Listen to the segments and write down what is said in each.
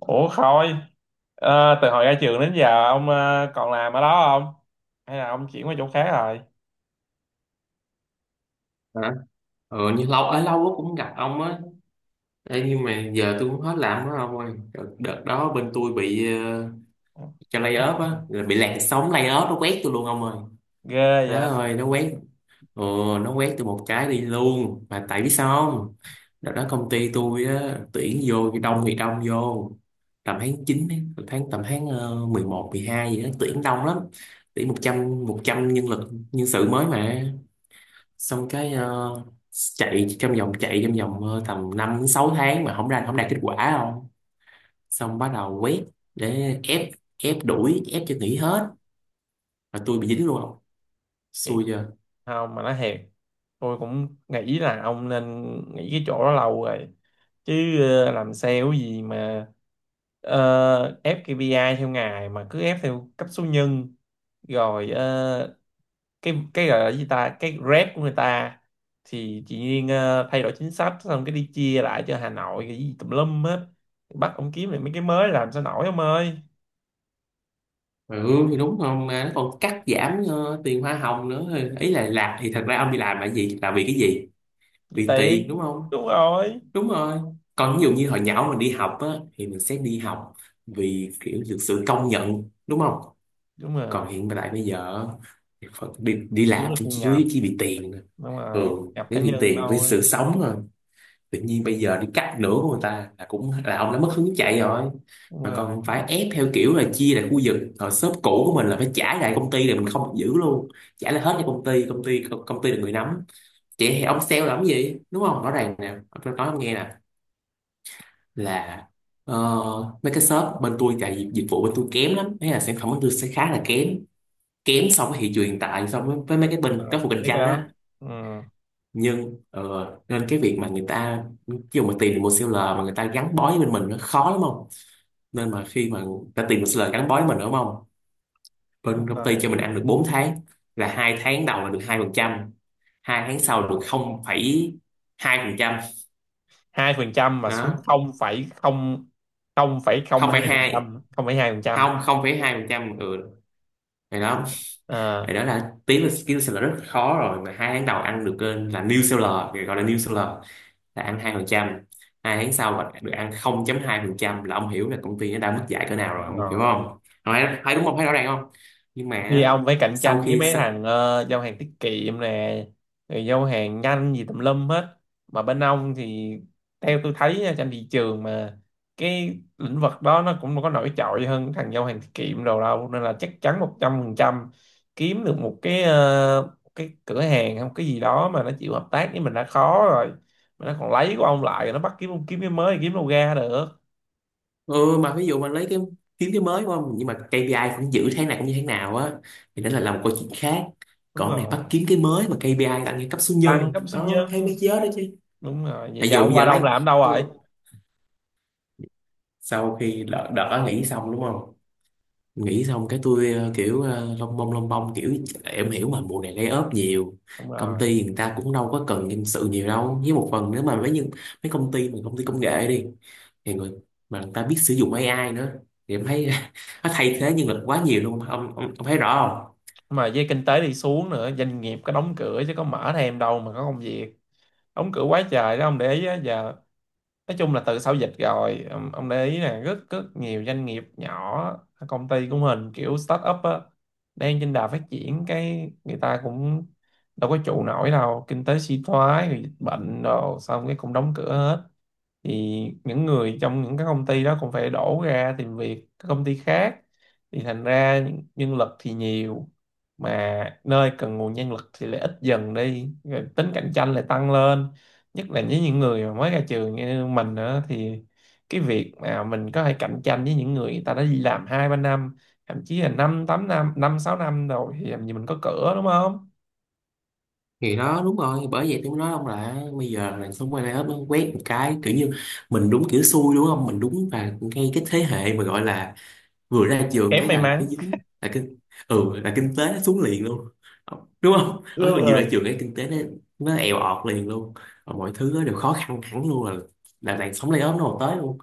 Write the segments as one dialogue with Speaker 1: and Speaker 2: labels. Speaker 1: Ủa Khôi, từ hồi ra trường đến giờ ông còn làm ở đó không? Hay là ông chuyển qua chỗ khác rồi?
Speaker 2: Hả? Nhưng lâu ở lâu quá cũng gặp ông á. Ê, nhưng mà giờ tôi cũng hết làm đó ông ơi. Đợt đó bên tôi bị cho lay off á, là bị làn sóng lay off nó quét tôi luôn ông ơi.
Speaker 1: Ghê
Speaker 2: Má
Speaker 1: vậy?
Speaker 2: ơi, nó quét. ừ, nó quét tôi một cái đi luôn, mà tại biết sao không? Đợt đó công ty tôi á tuyển vô, đông thì đông vô tầm tháng 9, ấy, tháng tầm tháng 11, 12 gì đó, tuyển đông lắm. Tuyển một trăm nhân sự mới mà. Xong cái chạy trong vòng tầm 5 đến 6 tháng mà không ra, không đạt kết quả. Không, xong bắt đầu quét để ép, ép đuổi, ép cho nghỉ hết. Và tôi bị dính luôn. Không,
Speaker 1: Thiệt
Speaker 2: xui chưa?
Speaker 1: không mà nói thiệt, tôi cũng nghĩ là ông nên nghỉ cái chỗ đó lâu rồi. Chứ làm sale gì mà ép KPI theo ngày mà cứ ép theo cấp số nhân rồi cái gọi là gì ta cái rep của người ta thì chị Duyên thay đổi chính sách xong cái đi chia lại cho Hà Nội cái gì tùm lum hết, bắt ông kiếm lại mấy cái mới làm sao nổi ông ơi.
Speaker 2: Ừ thì đúng, không mà nó còn cắt giảm tiền hoa hồng nữa. Ý là làm thì thật ra ông đi làm là gì, là vì cái gì?
Speaker 1: Chị
Speaker 2: Vì
Speaker 1: tiền.
Speaker 2: tiền đúng không?
Speaker 1: Đúng rồi.
Speaker 2: Đúng rồi. Còn ví dụ như hồi nhỏ mình đi học á, thì mình sẽ đi học vì kiểu được sự công nhận đúng không?
Speaker 1: Đúng
Speaker 2: Còn
Speaker 1: rồi,
Speaker 2: hiện tại bây giờ Phật đi, đi
Speaker 1: thiếu
Speaker 2: làm
Speaker 1: là
Speaker 2: cũng
Speaker 1: thu
Speaker 2: chỉ chủ
Speaker 1: nhập.
Speaker 2: yếu chỉ vì tiền thôi.
Speaker 1: Đúng
Speaker 2: Ừ,
Speaker 1: rồi, nhập cá
Speaker 2: chỉ vì
Speaker 1: nhân
Speaker 2: tiền với sự
Speaker 1: thôi.
Speaker 2: sống rồi. Tự nhiên bây giờ đi cắt nửa của người ta là cũng là ông đã mất hứng chạy rồi.
Speaker 1: Đúng
Speaker 2: Mà
Speaker 1: rồi.
Speaker 2: còn phải ép theo kiểu là chia lại khu vực, hồi shop cũ của mình là phải trả lại công ty, rồi mình không được giữ luôn, trả lại hết cho công ty. Công ty là người nắm. Vậy thì ông sale làm cái gì, đúng không? Rõ ràng nè, tôi nói ông nghe nè, là ờ, mấy cái shop bên tôi chạy dịch dịch vụ bên tôi kém lắm, thế là sản phẩm bên tôi sẽ khá là kém, kém so với thị trường hiện tại, so với mấy cái bên
Speaker 1: Đúng rồi.
Speaker 2: các cuộc cạnh
Speaker 1: Biết cái
Speaker 2: tranh á.
Speaker 1: đó. Ừ.
Speaker 2: Nhưng nên cái việc mà người ta, khi mà tìm được một seller mà người ta gắn bó với bên mình nó khó lắm, không? Nên mà khi mà người ta tìm một seller gắn bó với mình đúng không, bên
Speaker 1: Đúng
Speaker 2: công ty
Speaker 1: rồi.
Speaker 2: cho mình ăn được 4 tháng. Là hai tháng đầu là được hai phần trăm, hai tháng sau là được không phẩy hai phần trăm.
Speaker 1: Hai phần trăm mà xuống
Speaker 2: Đó,
Speaker 1: không phẩy không? Không phẩy không
Speaker 2: không
Speaker 1: hai
Speaker 2: phẩy
Speaker 1: phần
Speaker 2: hai,
Speaker 1: trăm? Không phẩy hai phần trăm?
Speaker 2: không không phẩy hai phần trăm. Ừ, thì đó.
Speaker 1: À,
Speaker 2: Thì đó là tiếng là skill seller rất khó rồi, mà hai tháng đầu ăn được là new seller, người gọi là new seller là ăn hai phần trăm. Hai tháng sau mà được ăn 0 hai phần trăm là ông hiểu là công ty nó đã mất dạy cỡ nào rồi,
Speaker 1: đúng
Speaker 2: ông hiểu
Speaker 1: rồi.
Speaker 2: không? Thấy đúng không, thấy rõ ràng không? Nhưng
Speaker 1: Khi
Speaker 2: mà
Speaker 1: ông phải cạnh
Speaker 2: sau
Speaker 1: tranh với
Speaker 2: khi
Speaker 1: mấy
Speaker 2: s-
Speaker 1: thằng giao hàng tiết kiệm nè, rồi giao hàng nhanh gì tùm lum hết. Mà bên ông thì theo tôi thấy nha, trên thị trường mà cái lĩnh vực đó nó cũng có nổi trội hơn thằng giao hàng tiết kiệm đồ đâu, nên là chắc chắn một trăm phần trăm kiếm được một cái cái cửa hàng hay một cái gì đó mà nó chịu hợp tác với mình đã khó rồi, mà nó còn lấy của ông lại nó bắt kiếm kiếm cái mới, kiếm đâu ra được.
Speaker 2: ừ, mà ví dụ mà lấy cái, kiếm cái mới đúng không, nhưng mà KPI cũng giữ tháng này cũng như tháng nào á, thì đó là làm một câu chuyện khác.
Speaker 1: Đúng
Speaker 2: Còn cái này
Speaker 1: rồi,
Speaker 2: bắt kiếm cái mới mà KPI là ăn như cấp số
Speaker 1: tăng
Speaker 2: nhân
Speaker 1: cấp số
Speaker 2: nó thấy
Speaker 1: nhân.
Speaker 2: mấy chớ đó chứ.
Speaker 1: Đúng rồi, vậy
Speaker 2: Ví
Speaker 1: giờ
Speaker 2: dụ
Speaker 1: ông
Speaker 2: bây
Speaker 1: qua
Speaker 2: giờ
Speaker 1: đâu ông
Speaker 2: lấy,
Speaker 1: làm ở đâu rồi?
Speaker 2: ừ, sau khi đợt đợt đó nghỉ xong đúng không, nghỉ xong cái tôi kiểu lông bông kiểu, em hiểu mà mùa này lay off nhiều.
Speaker 1: Đúng
Speaker 2: Công
Speaker 1: rồi.
Speaker 2: ty người ta cũng đâu có cần nhân sự nhiều đâu, với một phần nữa mà mấy, nhưng mấy công ty mà công ty công nghệ đi, thì người mà người ta biết sử dụng AI nữa thì em thấy nó thay thế nhân lực quá nhiều luôn. Ông thấy rõ không?
Speaker 1: Mà với kinh tế đi xuống nữa doanh nghiệp có đóng cửa chứ có mở thêm đâu mà có công việc. Đóng cửa quá trời đó ông để ý á giờ. Nói chung là từ sau dịch rồi ông để ý là rất rất nhiều doanh nghiệp nhỏ, công ty của mình kiểu start up á, đang trên đà phát triển cái người ta cũng đâu có trụ nổi đâu, kinh tế suy thoái rồi dịch bệnh rồi xong cái cũng đóng cửa hết. Thì những người trong những cái công ty đó cũng phải đổ ra tìm việc các công ty khác, thì thành ra nhân lực thì nhiều mà nơi cần nguồn nhân lực thì lại ít dần đi, rồi tính cạnh tranh lại tăng lên. Nhất là với những người mà mới ra trường như mình nữa thì cái việc mà mình có thể cạnh tranh với những người người ta đã đi làm hai ba năm, thậm chí là năm tám năm năm sáu năm rồi thì làm gì mình có cửa đúng không.
Speaker 2: Thì đó, đúng rồi, bởi vậy tôi mới nói ông là bây giờ là xong quay lay off nó quét một cái kiểu như mình đúng kiểu xui đúng không, mình đúng, và ngay cái thế hệ mà gọi là vừa ra trường
Speaker 1: Kém
Speaker 2: cái
Speaker 1: may
Speaker 2: là cái
Speaker 1: mắn.
Speaker 2: dính là kinh. Ừ, là kinh tế nó xuống liền luôn đúng không, ở
Speaker 1: Đúng
Speaker 2: mình vừa ra
Speaker 1: rồi.
Speaker 2: trường cái kinh tế nó èo ọt liền luôn. Và mọi thứ nó đều khó khăn hẳn luôn, là làn sóng layoff nó còn tới luôn.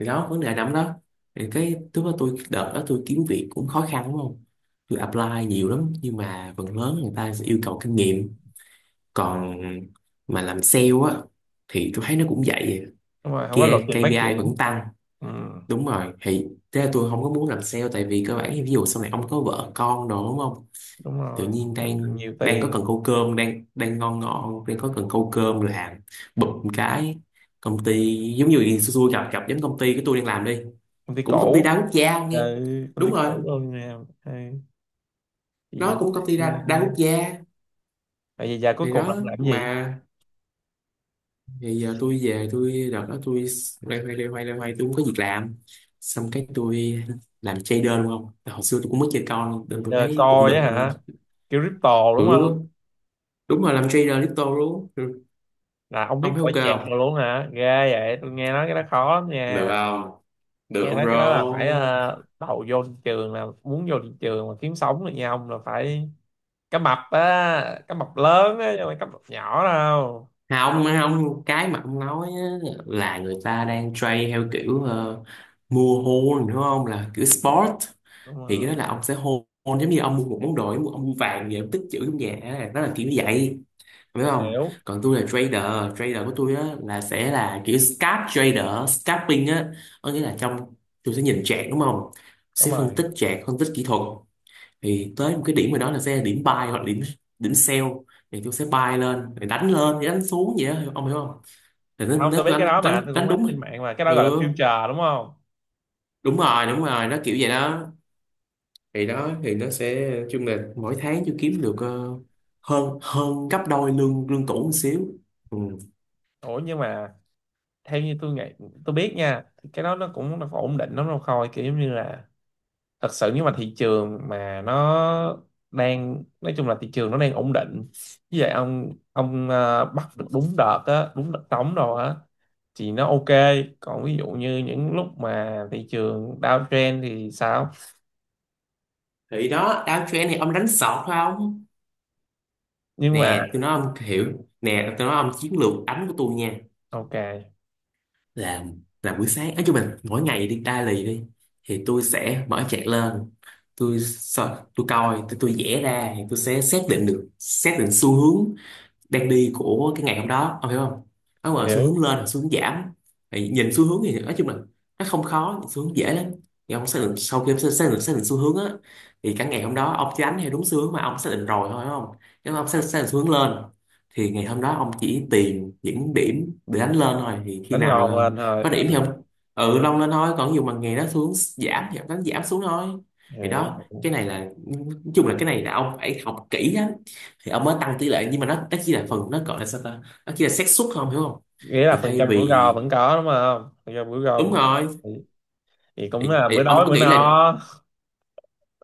Speaker 2: Thì đó, vấn đề nằm đó. Thì cái lúc đó tôi, đợt đó tôi kiếm việc cũng khó khăn đúng không. Tôi apply nhiều lắm nhưng mà phần lớn người ta sẽ yêu cầu kinh nghiệm. Còn mà làm sale á thì tôi thấy nó cũng vậy,
Speaker 1: Đúng rồi, không có lộ
Speaker 2: kia
Speaker 1: trình phát
Speaker 2: KPI vẫn
Speaker 1: triển.
Speaker 2: tăng.
Speaker 1: Ừ.
Speaker 2: Đúng rồi, thì thế là tôi không có muốn làm sale tại vì cơ bản thì ví dụ sau này ông có vợ con đồ đúng không.
Speaker 1: Đúng
Speaker 2: Tự
Speaker 1: rồi,
Speaker 2: nhiên
Speaker 1: mình cần
Speaker 2: đang
Speaker 1: nhiều
Speaker 2: đang có cần
Speaker 1: tiền.
Speaker 2: câu cơm, đang đang ngon ngon đang có cần câu cơm làm, bụp một cái công ty giống như xui, xui gặp, gặp giống công ty cái tôi đang làm đi,
Speaker 1: Công ty
Speaker 2: cũng công ty đa
Speaker 1: cũ.
Speaker 2: quốc gia ông
Speaker 1: Ừ,
Speaker 2: nghe.
Speaker 1: công ty
Speaker 2: Đúng rồi,
Speaker 1: cũ luôn nè. Ừ. Thì
Speaker 2: nó cũng công ty
Speaker 1: xưa
Speaker 2: đa
Speaker 1: nha,
Speaker 2: quốc gia.
Speaker 1: vậy giờ cuối
Speaker 2: Thì
Speaker 1: cùng là
Speaker 2: đó,
Speaker 1: ông làm cái gì?
Speaker 2: mà thì giờ tôi về, tôi đợt đó tôi loay hoay tôi không có việc làm. Xong cái tôi làm trader luôn không, hồi xưa tôi cũng mới chơi con
Speaker 1: Thì
Speaker 2: nên tôi
Speaker 1: là
Speaker 2: thấy cũng
Speaker 1: coi
Speaker 2: được.
Speaker 1: á hả? Kiểu crypto đúng không?
Speaker 2: Ừ, đúng rồi, làm trader crypto luôn. Ừ.
Speaker 1: Là ông
Speaker 2: Ông
Speaker 1: biết
Speaker 2: thấy
Speaker 1: coi chạc
Speaker 2: ok
Speaker 1: rồi
Speaker 2: không?
Speaker 1: luôn hả, ghê vậy, tôi nghe nói cái đó khó lắm
Speaker 2: Được
Speaker 1: nha.
Speaker 2: không? Được
Speaker 1: Nghe
Speaker 2: không
Speaker 1: nói
Speaker 2: bro?
Speaker 1: cái đó là phải đầu vô thị trường, là muốn vô thị trường mà kiếm sống được nha ông là phải cá mập á, cá mập lớn á chứ không phải cá mập nhỏ đâu.
Speaker 2: À, ông cái mà ông nói á, là người ta đang trade theo kiểu mua hold đúng không? Là kiểu sport.
Speaker 1: Đúng
Speaker 2: Thì
Speaker 1: rồi.
Speaker 2: cái đó là ông sẽ hold, giống như ông mua một món đồ, ông mua vàng vậy, ông tích trữ trong nhà. Đó là kiểu như vậy. Biết không?
Speaker 1: Hiểu.
Speaker 2: Còn tôi là trader. Trader của tôi á, là sẽ là kiểu scalp trader. Scalping á. Có nghĩa là trong, tôi sẽ nhìn chart đúng không? Sẽ
Speaker 1: Đúng
Speaker 2: phân
Speaker 1: rồi.
Speaker 2: tích chart, phân tích kỹ thuật, thì tới một cái điểm rồi đó là sẽ điểm buy hoặc điểm điểm sell. Thì tôi sẽ buy lên rồi đánh lên đánh xuống vậy đó ông hiểu không. Thì nó,
Speaker 1: Không,
Speaker 2: nó
Speaker 1: tôi biết cái
Speaker 2: đánh
Speaker 1: đó mà,
Speaker 2: đánh
Speaker 1: tôi cũng
Speaker 2: đánh
Speaker 1: thấy trên
Speaker 2: đúng.
Speaker 1: mạng mà cái đó gọi là
Speaker 2: Ừ,
Speaker 1: future đúng không?
Speaker 2: đúng rồi nó kiểu vậy đó. Thì đó, thì nó sẽ chung là mỗi tháng tôi kiếm được hơn hơn gấp đôi lương lương cũ một xíu. Ừ.
Speaker 1: Ủa nhưng mà theo như tôi nghĩ, tôi biết nha, thì cái đó nó cũng nó có ổn định lắm đâu Khôi, kiểu giống như là, thật sự nếu mà thị trường mà nó đang, nói chung là thị trường nó đang ổn định như vậy, ông bắt được đúng đợt á, đúng đợt trống rồi á thì nó ok. Còn ví dụ như những lúc mà thị trường downtrend thì sao?
Speaker 2: Thì đó, downtrend này ông đánh sọt phải không.
Speaker 1: Nhưng mà
Speaker 2: Nè tôi nói ông hiểu, nè tôi nói ông chiến lược đánh của tôi nha,
Speaker 1: ok.
Speaker 2: là là buổi sáng, nói chung là mỗi ngày đi đa lì đi, thì tôi sẽ mở chat lên, tôi sợ tôi coi, tôi vẽ ra thì tôi sẽ xác định được, xác định xu hướng đang đi của cái ngày hôm đó ông hiểu không. Nó mà xu hướng
Speaker 1: Hiểu.
Speaker 2: lên, xu hướng giảm, thì nhìn xu hướng thì nói chung là nó không khó, xu hướng dễ lắm. Thì ông xác định, sau khi ông xác xác định xu hướng á, thì cả ngày hôm đó ông chỉ đánh theo đúng xu hướng mà ông xác định rồi thôi đúng không. Nếu mà ông xác định xu hướng lên, thì ngày hôm đó ông chỉ tìm những điểm để đánh lên thôi. Thì khi
Speaker 1: Đánh
Speaker 2: nào
Speaker 1: lòn
Speaker 2: mà
Speaker 1: lên thôi.
Speaker 2: có điểm thì ông, ừ, long lên thôi. Còn dù mà ngày đó xu hướng giảm thì ông đánh giảm xuống thôi. Thì
Speaker 1: Ờ.
Speaker 2: đó,
Speaker 1: Hiểu.
Speaker 2: cái này là, nói chung là cái này là ông phải học kỹ lắm thì ông mới tăng tỷ lệ, nhưng mà nó chỉ là phần, nó gọi là sao ta, nó chỉ là xác suất, không hiểu không?
Speaker 1: Nghĩa là
Speaker 2: Thì
Speaker 1: phần
Speaker 2: thay
Speaker 1: trăm của gò
Speaker 2: vì,
Speaker 1: vẫn có đúng không, phần trăm của gò
Speaker 2: đúng
Speaker 1: vẫn.
Speaker 2: rồi,
Speaker 1: Thì, thì cũng
Speaker 2: thì,
Speaker 1: là bữa
Speaker 2: thì ông
Speaker 1: đói
Speaker 2: cứ
Speaker 1: bữa no.
Speaker 2: nghĩ là,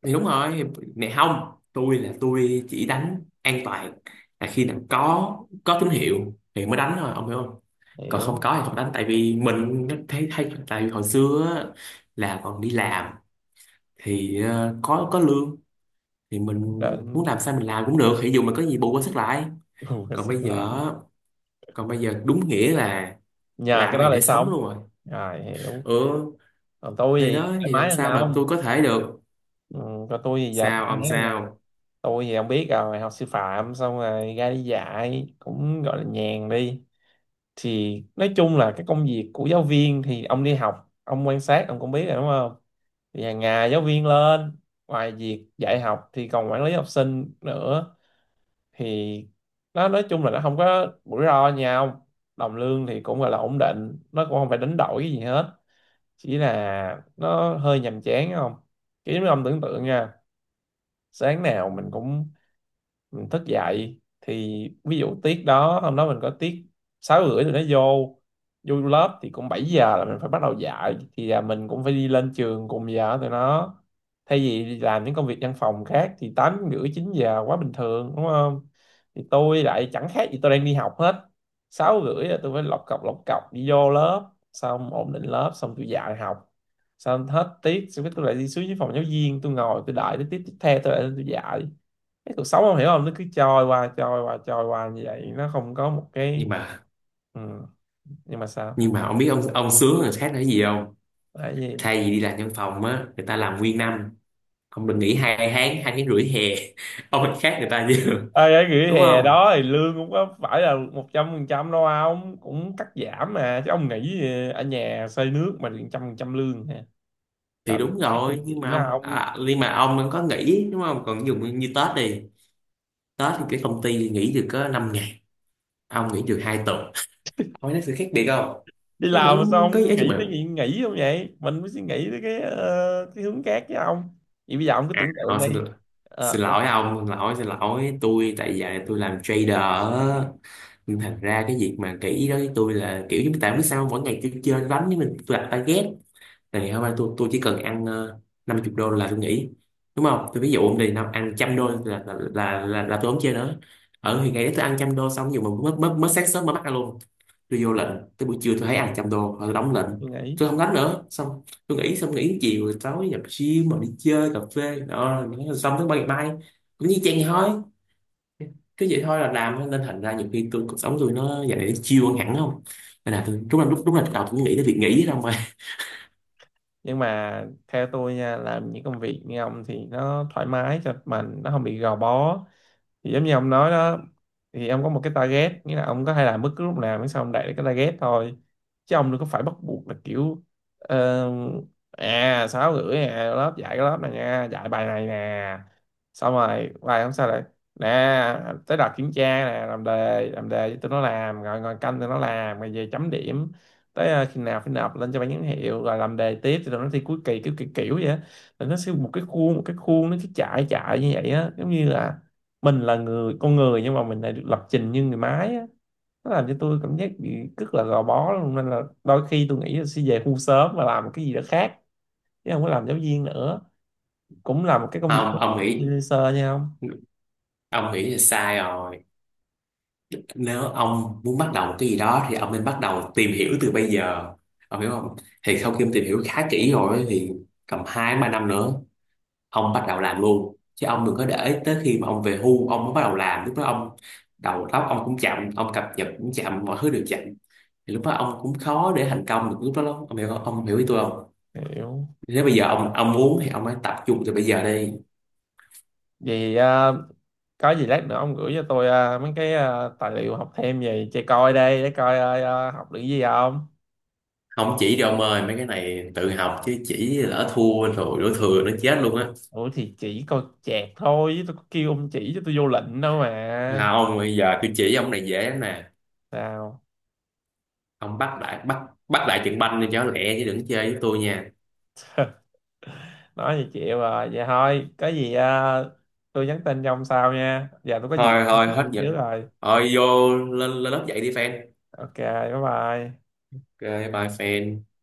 Speaker 2: thì đúng rồi, này không, tôi là tôi chỉ đánh an toàn, là khi nào có tín hiệu thì mới đánh thôi ông hiểu không. Còn
Speaker 1: Hiểu.
Speaker 2: không có thì không đánh, tại vì mình nó thấy thấy tại vì hồi xưa á, là còn đi làm thì có lương thì mình
Speaker 1: Đừng-
Speaker 2: muốn làm sao mình làm cũng được, ví dụ mình có gì bù qua sức lại.
Speaker 1: Ừ,
Speaker 2: còn
Speaker 1: sức
Speaker 2: bây
Speaker 1: lại.
Speaker 2: giờ Còn bây giờ đúng nghĩa là
Speaker 1: Nhờ
Speaker 2: làm
Speaker 1: cái
Speaker 2: cái
Speaker 1: đó
Speaker 2: này
Speaker 1: để
Speaker 2: để sống
Speaker 1: sống.
Speaker 2: luôn rồi.
Speaker 1: Rồi, hiểu.
Speaker 2: Ừ,
Speaker 1: Còn tôi
Speaker 2: thì
Speaker 1: thì
Speaker 2: đó,
Speaker 1: thoải
Speaker 2: thì
Speaker 1: mái
Speaker 2: làm
Speaker 1: hơn
Speaker 2: sao mà
Speaker 1: ông.
Speaker 2: tôi có thể được.
Speaker 1: Ừ, còn tôi thì giờ thoải
Speaker 2: Sao ông
Speaker 1: mái hơn ông.
Speaker 2: sao?
Speaker 1: Tôi thì ông biết rồi, học sư phạm xong rồi ra đi dạy cũng gọi là nhàn đi. Thì nói chung là cái công việc của giáo viên thì ông đi học ông quan sát ông cũng biết rồi đúng không. Thì hàng ngày giáo viên lên, ngoài việc dạy học thì còn quản lý học sinh nữa. Thì nó nói chung là nó không có rủi ro nhau, đồng lương thì cũng gọi là ổn định, nó cũng không phải đánh đổi cái gì hết. Chỉ là nó hơi nhàm chán không, kiểu như ông tưởng tượng nha, sáng nào mình cũng mình thức dậy, thì ví dụ tiết đó hôm đó mình có tiết sáu rưỡi tụi nó vô, vô lớp thì cũng 7 giờ là mình phải bắt đầu dạy, thì là mình cũng phải đi lên trường cùng giờ với tụi nó. Thay vì đi làm những công việc văn phòng khác thì tám rưỡi chín giờ quá bình thường đúng không, thì tôi lại chẳng khác gì tôi đang đi học hết. Sáu rưỡi là tôi phải lọc cọc đi vô lớp, xong ổn định lớp xong tôi dạy học, xong hết tiết xong cái tôi lại đi xuống dưới phòng giáo viên tôi ngồi tôi đợi tới tiết tiếp theo tôi lại lên tôi dạy. Cái cuộc sống không hiểu không, nó cứ trôi qua như vậy, nó không có một
Speaker 2: nhưng
Speaker 1: cái.
Speaker 2: mà
Speaker 1: Ừ. Nhưng mà sao?
Speaker 2: nhưng mà ông biết ông sướng người khác là cái gì không?
Speaker 1: Tại vì
Speaker 2: Thay vì đi làm văn phòng á người ta làm nguyên năm, ông được nghỉ hai tháng, hai tháng rưỡi hè ông lại khác người ta chứ
Speaker 1: ơi cái nghỉ
Speaker 2: đúng
Speaker 1: hè
Speaker 2: không.
Speaker 1: đó thì lương cũng có phải là một trăm phần trăm đâu ông, cũng cắt giảm mà chứ ông nghĩ ở nhà xây nước mà được trăm phần trăm lương hả.
Speaker 2: Thì
Speaker 1: Làm
Speaker 2: đúng
Speaker 1: cái câu
Speaker 2: rồi, nhưng mà
Speaker 1: chuyện đó
Speaker 2: ông,
Speaker 1: ông,
Speaker 2: à, nhưng mà ông vẫn có nghỉ đúng không, còn dùng như Tết đi, Tết thì cái công ty nghỉ được có 5 ngày, ông nghỉ được hai tuần, ông thấy sự khác biệt không?
Speaker 1: đi
Speaker 2: Nó
Speaker 1: làm
Speaker 2: vẫn
Speaker 1: mà sao
Speaker 2: có
Speaker 1: ông
Speaker 2: giá cho
Speaker 1: nghĩ
Speaker 2: mình.
Speaker 1: tới chuyện nghỉ không vậy, mình mới suy nghĩ tới cái cái hướng khác chứ ông. Vậy bây giờ ông cứ
Speaker 2: À,
Speaker 1: tưởng tượng đi. Ờ,
Speaker 2: xin
Speaker 1: ông
Speaker 2: lỗi ông, xin lỗi tôi tại giờ tôi làm trader á. Nhưng thành ra cái việc mà kỹ đó với tôi là kiểu như tại biết sao, mỗi ngày tôi chơi đánh với mình, tôi đặt target, thì hôm nay tôi chỉ cần ăn 50 đô là tôi nghỉ đúng không. Tôi ví dụ ông đi nào ăn trăm đô
Speaker 1: à,
Speaker 2: là tôi không chơi nữa. Ở thì ngày đấy tôi ăn trăm đô, xong dù mà mới mới mới sáng sớm mới bắt ăn luôn, tôi vô lệnh, tới buổi trưa tôi thấy ăn trăm đô rồi đóng lệnh,
Speaker 1: tôi nghĩ.
Speaker 2: tôi không đánh nữa, xong tôi nghỉ, xong nghỉ chiều rồi tối nhập gym mà đi chơi cà phê đó, xong tới ngày mai cũng như chen thôi, cứ vậy thôi là làm. Nên thành ra nhiều khi tôi, cuộc sống tôi nó giờ này nó chill hơn hẳn không. Nên là tôi đúng là lúc, đúng là đầu tôi cũng nghĩ tới việc nghỉ đâu mà.
Speaker 1: Nhưng mà theo tôi nha, làm những công việc như ông thì nó thoải mái cho mình, nó không bị gò bó. Thì giống như ông nói đó, thì ông có một cái target, nghĩa là ông có thể làm bất cứ lúc nào miễn sao ông đạt được cái target thôi, chứ ông đừng có phải bắt buộc là kiểu ờ, à sáu rưỡi nè lớp dạy cái lớp này nha dạy bài này nè, xong rồi bài hôm sau lại nè, tới đợt kiểm tra nè làm đề, làm đề cho tụi nó làm rồi ngồi canh tụi nó làm rồi về chấm điểm. Tới khi nào phải nộp lên cho ban giám hiệu rồi làm đề tiếp thì tụi nó thi cuối kỳ kiểu kiểu kiểu vậy á. Là nó sẽ một cái khuôn, một cái khuôn nó cứ chạy chạy như vậy á, giống như là mình là người con người nhưng mà mình lại được lập trình như người máy á. Nó làm cho tôi cảm giác bị rất là gò bó luôn, nên là đôi khi tôi nghĩ là sẽ về hưu sớm và làm cái gì đó khác chứ không có làm giáo viên nữa, cũng là một cái công việc
Speaker 2: Không,
Speaker 1: freelancer nha. Không
Speaker 2: ông nghĩ là sai rồi. Nếu ông muốn bắt đầu một cái gì đó thì ông nên bắt đầu tìm hiểu từ bây giờ ông hiểu không. Thì sau khi ông tìm hiểu khá kỹ rồi ấy, thì tầm hai ba năm nữa ông bắt đầu làm luôn, chứ ông đừng có để tới khi mà ông về hưu ông mới bắt đầu làm, lúc đó ông đầu óc ông cũng chậm, ông cập nhật cũng chậm, mọi thứ đều chậm. Thì lúc đó ông cũng khó để thành công được lúc đó lắm, ông hiểu không, ông hiểu ý tôi không?
Speaker 1: hiểu.
Speaker 2: Nếu bây giờ ông muốn thì ông hãy tập trung từ bây giờ đi.
Speaker 1: Vậy à, có gì lát nữa ông gửi cho tôi à, mấy cái à, tài liệu học thêm về chơi coi đây để coi à, à, học được gì không.
Speaker 2: Không chỉ cho ông ơi, mấy cái này tự học chứ chỉ lỡ thua rồi đổ thừa nó chết luôn á.
Speaker 1: Ủa thì chỉ coi chẹt thôi chứ tôi có kêu ông chỉ cho tôi vô lệnh đâu mà.
Speaker 2: À, ông bây giờ tôi chỉ ông này dễ lắm nè,
Speaker 1: Sao
Speaker 2: ông bắt lại trận banh đi cho nó lẹ chứ đừng chơi với tôi nha.
Speaker 1: nói gì chịu rồi, vậy thôi có gì tôi nhắn tin cho ông sau nha, giờ tôi có việc
Speaker 2: Thôi thôi
Speaker 1: phải
Speaker 2: hết
Speaker 1: đi
Speaker 2: giờ,
Speaker 1: trước rồi.
Speaker 2: thôi vô lên lên lớp dạy đi fan.
Speaker 1: Ok bye bye.
Speaker 2: Ok bye fan.